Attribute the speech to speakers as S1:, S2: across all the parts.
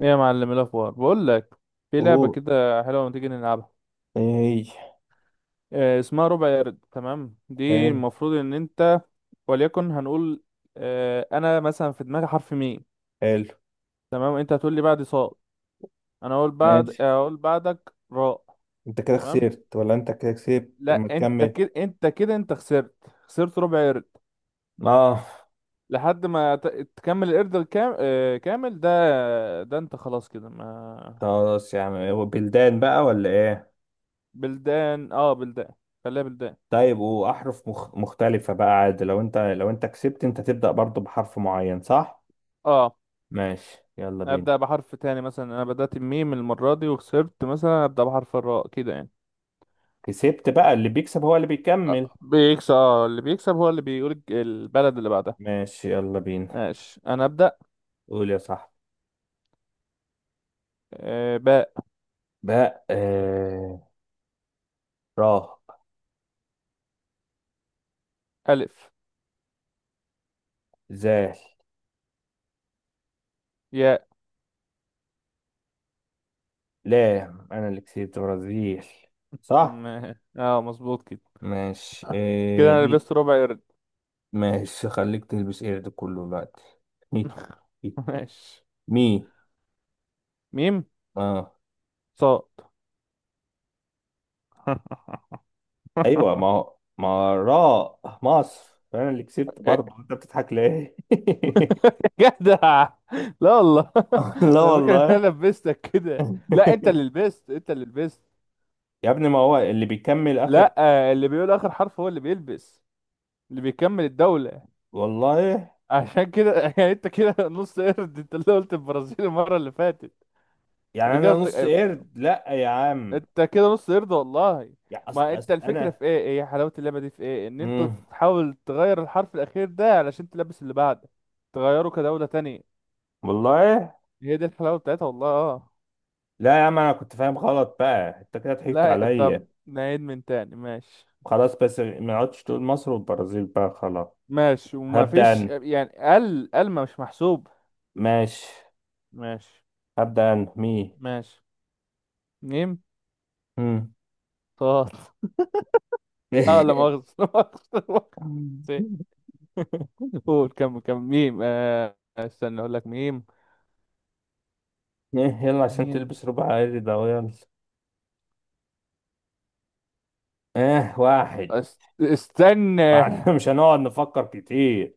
S1: ايه يا معلم، إيه الاخبار؟ بقول لك في لعبه
S2: اوه.
S1: كده حلوه، ما تيجي نلعبها؟
S2: ايه؟
S1: اسمها ربع يارد. تمام، دي
S2: حلو.
S1: المفروض ان انت وليكن هنقول. انا مثلا في دماغي حرف ميم.
S2: حلو،
S1: تمام، انت هتقول لي بعد صاد، انا
S2: ماشي.
S1: اقول بعدك راء.
S2: انت كده
S1: تمام.
S2: خسرت ولا انت كده كسبت؟ طب ما
S1: لا، انت
S2: تكمل.
S1: كده انت خسرت. خسرت ربع يارد
S2: اه.
S1: لحد ما تكمل القرد الكام... آه، كامل ده. ده انت خلاص كده ما.
S2: خلاص يا عم، هو بلدان بقى ولا ايه؟
S1: بلدان، اه، بلدان. خليها بلدان.
S2: طيب واحرف مختلفة بقى عادي؟ لو انت لو انت كسبت انت تبدأ برضو بحرف معين، صح؟
S1: اه،
S2: ماشي، يلا بينا.
S1: ابدا بحرف تاني، مثلا انا بدات بميم المره دي وخسرت، مثلا ابدا بحرف الراء كده يعني.
S2: كسبت بقى؟ اللي بيكسب هو اللي بيكمل.
S1: بيكسب، اه، اللي بيكسب هو اللي بيقول البلد اللي بعدها.
S2: ماشي يلا بينا.
S1: ماشي، انا ابدا.
S2: قول يا صاحبي.
S1: باء.
S2: بقى راه.
S1: الف.
S2: زال.
S1: ياء.
S2: لام. انا اللي كسبت، برازيل. صح.
S1: م- اه، مظبوط كده.
S2: ماشي،
S1: كده انا
S2: مين؟
S1: لبست ربع قرد.
S2: ماشي، خليك تلبس ايه ده كله دلوقتي. مي.
S1: ماشي.
S2: مي.
S1: ميم.
S2: اه.
S1: صاد.
S2: ايوه، ما راء مصر، انا اللي كسبت برضه. انت بتضحك ليه؟
S1: جدع. لا والله،
S2: لا
S1: انا فاكر ان
S2: والله.
S1: انا لبستك كده. لا، انت اللي لبست، انت اللي لبست.
S2: يا ابني ما هو اللي بيكمل اخر.
S1: لا، اللي بيقول اخر حرف هو اللي بيلبس، اللي بيكمل الدولة.
S2: والله.
S1: عشان كده يعني انت كده نص قرد، انت اللي قلت البرازيل المرة اللي فاتت.
S2: يعني
S1: انا
S2: انا
S1: كده
S2: نص قرد؟ لا يا عم.
S1: انت كده نص قرد والله.
S2: يا
S1: ما انت الفكرة
S2: انا.
S1: في ايه، ايه حلاوة اللعبة دي، في ايه ان انت
S2: مم.
S1: تحاول تغير الحرف الاخير ده علشان تلبس اللي بعده، تغيره كدولة تانية.
S2: والله.
S1: هي دي الحلاوة بتاعتها، والله، اه.
S2: لا يا عم، انا كنت فاهم غلط بقى. انت كده ضحكت
S1: لا، طب
S2: عليا.
S1: نعيد من تاني. ماشي.
S2: خلاص، بس ما عدتش تقول مصر والبرازيل بقى، خلاص.
S1: ماشي، وما
S2: هبدأ
S1: فيش
S2: أنا.
S1: يعني ال ما مش محسوب.
S2: ماشي.
S1: ماشي.
S2: هبدأ أنا، مي.
S1: ماشي. ميم.
S2: مم.
S1: طاط. اه، لا
S2: إيه؟
S1: مؤاخذة لا مؤاخذة، لا مؤاخذة، قول، كم ميم، استنى اقول لك ميم.
S2: يلا عشان
S1: مين.
S2: تلبس ربع، عادي ده، يلا. اه، واحد.
S1: استنى.
S2: معنا مش هنقعد نفكر كتير.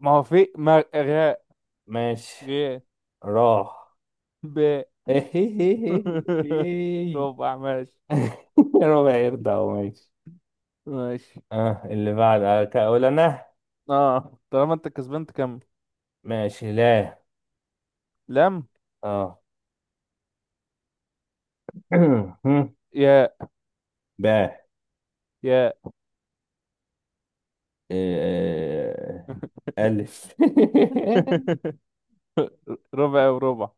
S1: ما هو في ما غاء.
S2: ماشي.
S1: غاء.
S2: راح.
S1: ب. ربع، ماشي.
S2: ربع يرضى أهو، ماشي.
S1: ماشي.
S2: اه، اللي بعد؟ اقول انا؟
S1: اه، طالما انت كسبان تكمل.
S2: ماشي. لا.
S1: لم.
S2: اه.
S1: يا.
S2: باء.
S1: يا.
S2: آه، الف.
S1: ربع وربع.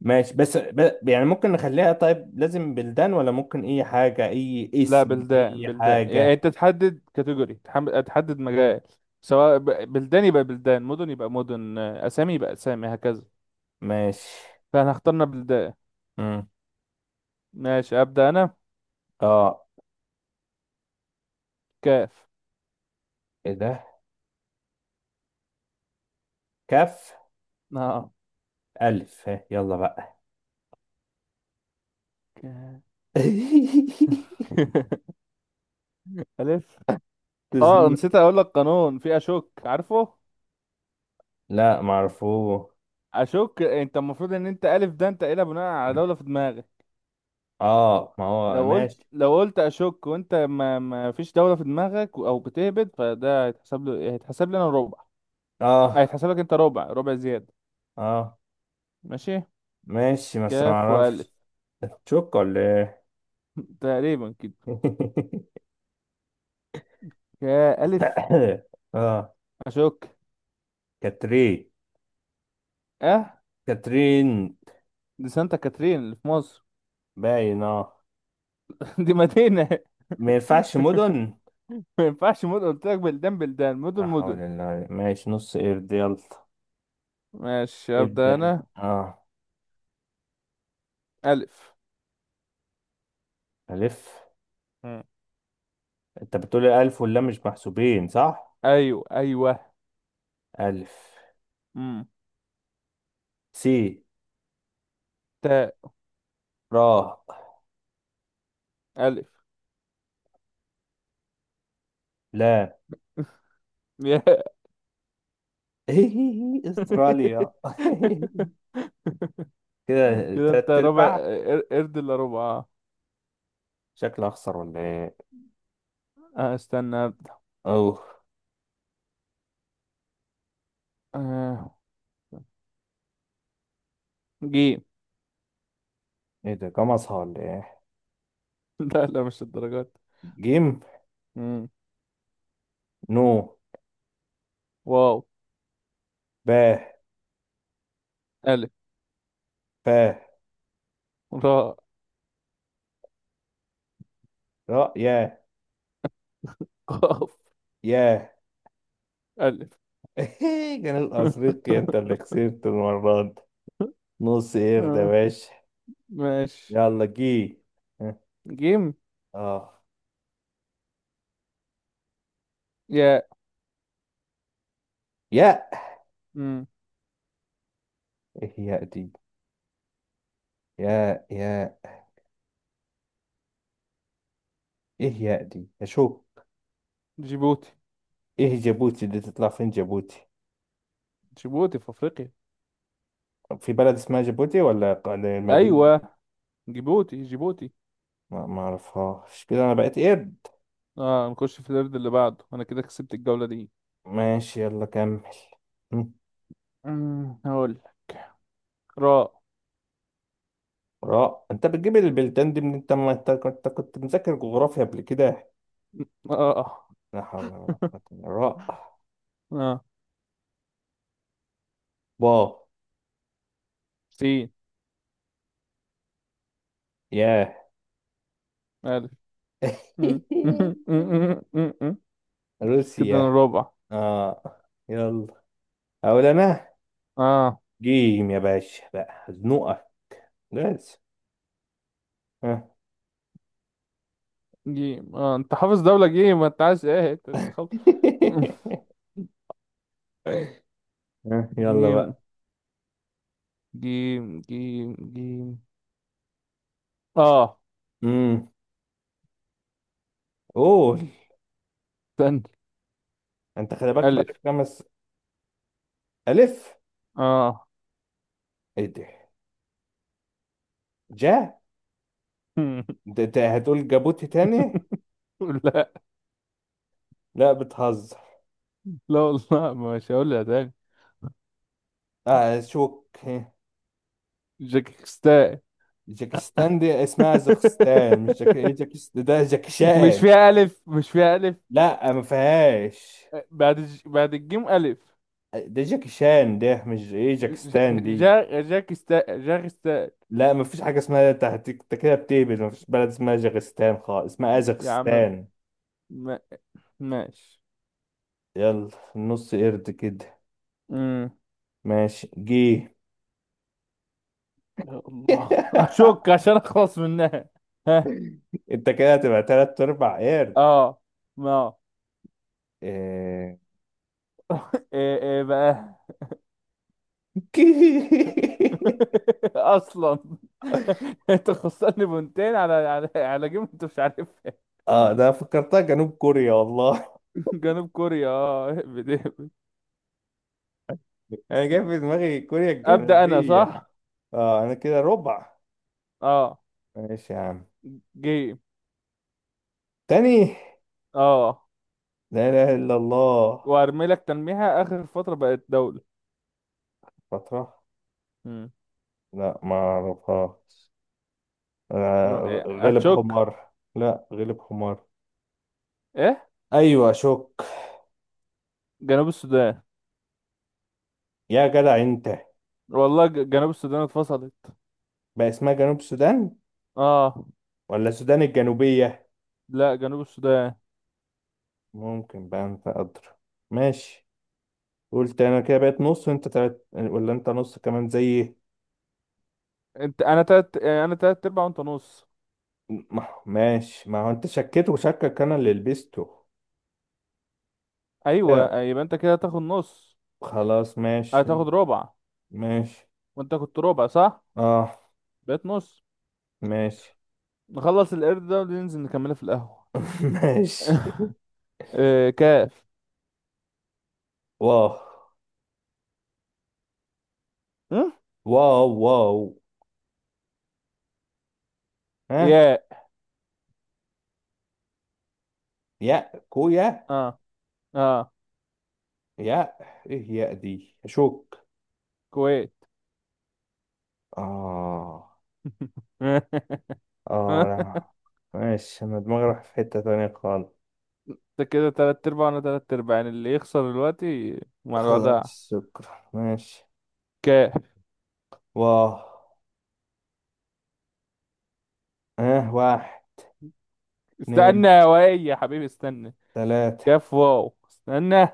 S2: ماشي، بس يعني ممكن نخليها طيب، لازم بلدان ولا ممكن اي حاجة، اي
S1: لا،
S2: اسم،
S1: بلدان
S2: اي
S1: بلدان يعني
S2: حاجة؟
S1: انت تحدد كاتيجوري، تحدد مجال. سواء بلدان يبقى بلدان، مدن يبقى مدن، اسامي يبقى اسامي هكذا.
S2: ماشي.
S1: فاحنا اخترنا بلدان.
S2: مم.
S1: ماشي، أبدأ أنا.
S2: اه.
S1: كاف.
S2: ايه ده؟ كف.
S1: اه.
S2: الف. ها، يلا بقى.
S1: كاف. ألف. اه،
S2: تزن-
S1: نسيت أقول لك قانون في أشك، عارفه؟
S2: لا، معرفوه.
S1: أشك، أنت المفروض إن أنت ألف ده أنت قايلها بناء على دولة في دماغك.
S2: اه، ما هو ماشي.
S1: لو قلت أشك وأنت ما فيش دولة في دماغك، أو بتهبد، فده هيتحسب لي أنا ربع،
S2: اه.
S1: هيتحسب لك أنت ربع، ربع زيادة.
S2: اه،
S1: ماشي.
S2: ماشي. بس ما
S1: كاف وألف.
S2: اعرفش. تشوك ولا ايه؟
S1: تقريبا كده. كألف.
S2: اه.
S1: أشك.
S2: كاترين.
S1: أه.
S2: كاترين.
S1: دي سانتا كاترين اللي في مصر.
S2: باين، اه.
S1: دي مدينة.
S2: ما ينفعش مدن.
S1: ما ينفعش مدن، قلت لك بلدان بلدان،
S2: لا
S1: مدن
S2: حول
S1: مدن.
S2: الله. ماشي، نص قرد، يلا.
S1: ماشي، أبدأ
S2: ابدأ انت.
S1: أنا.
S2: اه.
S1: ألف.
S2: ألف.
S1: مم.
S2: أنت بتقول ألف واللام مش محسوبين، صح؟
S1: أيوة أيوة.
S2: ألف.
S1: مم.
S2: سي.
S1: تاء.
S2: را.
S1: ألف.
S2: لا.
S1: يا.
S2: أستراليا. كده
S1: كده أنت
S2: تلات
S1: ربع
S2: أرباع.
S1: قرد إلا ربع. آه.
S2: شكلي أخسر ولا إيه؟
S1: استنى أبدأ.
S2: أوه.
S1: آه. جيم.
S2: إيه ده، كام أصحى ولا إيه؟
S1: لا، لا، مش الدرجات.
S2: جيم.
S1: مم.
S2: نو.
S1: واو.
S2: با.
S1: ألف.
S2: فا.
S1: راء.
S2: را. يا.
S1: قاف.
S2: يا.
S1: ألف.
S2: جنوب أفريقيا، أنت اللي خسرت المرة دي. نص قرد يا
S1: آه.
S2: باشا.
S1: ماشي.
S2: يلا، جي. آه.
S1: جيم.
S2: اه.
S1: يا.
S2: ياء.
S1: مم.
S2: ايه ياء دي؟ ياء، ياء. ايه ياء دي يا شو؟
S1: جيبوتي.
S2: ايه جيبوتي دي؟ تطلع فين جيبوتي؟
S1: جيبوتي في أفريقيا.
S2: في بلد اسمها جيبوتي ولا مدينة؟
S1: أيوة. جيبوتي، جيبوتي.
S2: ما اعرفهاش. كده انا بقيت قرد.
S1: اه، نخش في القرد اللي بعده. انا كده كسبت الجولة دي.
S2: ماشي يلا كمل. م.
S1: هقول لك. راء.
S2: راء. انت بتجيب البلدان دي من انت، ما انت كنت مذاكر جغرافيا قبل كده؟
S1: اه. اه. آه.
S2: لا حول ولا قوة إلا بالله. راء.
S1: آه.
S2: با.
S1: سين.
S2: ياه.
S1: الف. م- م. كده انا
S2: روسيا.
S1: رابع.
S2: اه. يلا، اقول انا.
S1: اه.
S2: جيم يا باشا بقى، زنوقة بس. ها.
S1: جيم. اه، انت حافظ دولة جيم، ما انت عايز ايه؟ أنت خل...
S2: ها، يلا
S1: جيم،
S2: بقى.
S1: جيم، جيم، جيم. اه.
S2: امم. قول.
S1: استنى.
S2: انت خلي بالك،
S1: الف.
S2: بقالك خمس. الف.
S1: اه.
S2: ايه ده؟ جا. ده انت هتقول جابوتي تاني؟
S1: لا.
S2: لا، بتهزر.
S1: لا والله مش هقولها تاني.
S2: اه، شوك. ها،
S1: جاكستان.
S2: جاكستان دي اسمها زخستان، مش جاك، إيه جاكستان، ده
S1: مش
S2: جاكشان.
S1: فيها ألف، مش فيها ألف.
S2: لا، ما فيهاش.
S1: بعد الجيم ألف.
S2: ده جاكشان ده، مش ايه جاكستان
S1: ج-
S2: دي.
S1: جا جاك استا جاك استا.
S2: لا، ما فيش حاجه اسمها، انت أنت كده بتهبل. ما فيش بلد اسمها جاكستان خالص، اسمها
S1: يا عم.
S2: ازخستان.
S1: ما... ماشي.
S2: يلا، النص قرد كده.
S1: امم.
S2: ماشي، جه.
S1: يا الله، أشك عشان أخلص منها. ها.
S2: انت كده هتبقى تلات ارباع قرد.
S1: اه. ما.
S2: آه.
S1: ايه بقى. اصلا، انت خسرني بونتين على جيم، انت مش عارفها.
S2: اه، ده فكرتها جنوب كوريا والله.
S1: جنوب كوريا، اه.
S2: انا جاي في دماغي كوريا
S1: ابدا انا
S2: الجنوبية.
S1: صح.
S2: اه، انا كده ربع.
S1: اه.
S2: ماشي يا عم.
S1: جيم.
S2: تاني.
S1: اه،
S2: لا اله الا الله.
S1: وارمي لك تلميحة، اخر فترة بقت دولة.
S2: فترة؟
S1: مم.
S2: لا، ما اعرفهاش. غلب
S1: اتشك.
S2: حمار، لا، غلب حمار.
S1: ايه.
S2: ايوه شك.
S1: جنوب السودان.
S2: يا جدع انت.
S1: والله جنوب السودان اتفصلت.
S2: بقى اسمها جنوب السودان
S1: اه.
S2: ولا السودان الجنوبية؟
S1: لا، جنوب السودان.
S2: ممكن، بقى انت ادرى. ماشي. قلت انا كده بقيت نص، وانت تلات، ولا انت نص كمان زيي؟
S1: انا تلت ارباع وانت نص.
S2: ماشي، ما هو انت شكيت وشكك انا اللي لبسته. كده؟
S1: ايوه، يبقى انت كده هتاخد نص.
S2: خلاص ماشي.
S1: هتاخد ربع.
S2: ماشي.
S1: وانت كنت ربع صح.
S2: اه.
S1: بقيت نص.
S2: ماشي.
S1: نخلص القرد ده وننزل نكملها في القهوة.
S2: ماشي.
S1: آه، كاف.
S2: واو.
S1: م؟
S2: واو واو. ها.
S1: ياء.
S2: يا كويا.
S1: اه. اه.
S2: يا. ايه يا دي، اشك.
S1: كويت.
S2: اه. اه، لا. ماشي، انا دماغي راح في حتة تانية خالص.
S1: انت كده تلات ارباع وانا تلات ارباع، يعني اللي يخسر دلوقتي مع الوضع.
S2: خلاص، شكرا، ماشي.
S1: كاف.
S2: واه. اه، واحد، اتنين،
S1: استنى يا وائل يا حبيبي، استنى.
S2: تلاتة،
S1: كاف واو، استنى.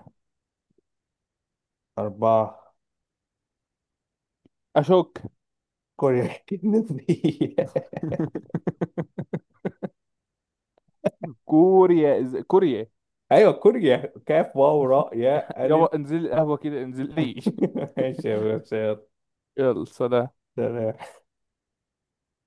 S2: أربعة.
S1: اشك.
S2: كوريا الجنوبية.
S1: كوريا كوريا.
S2: أيوة، كوريا. كاف واو راء ياء ألف.
S1: يابا انزل القهوة كده، انزل لي.
S2: ماشي يا باشا، يلا.
S1: يلا، سلام.
S2: سلام.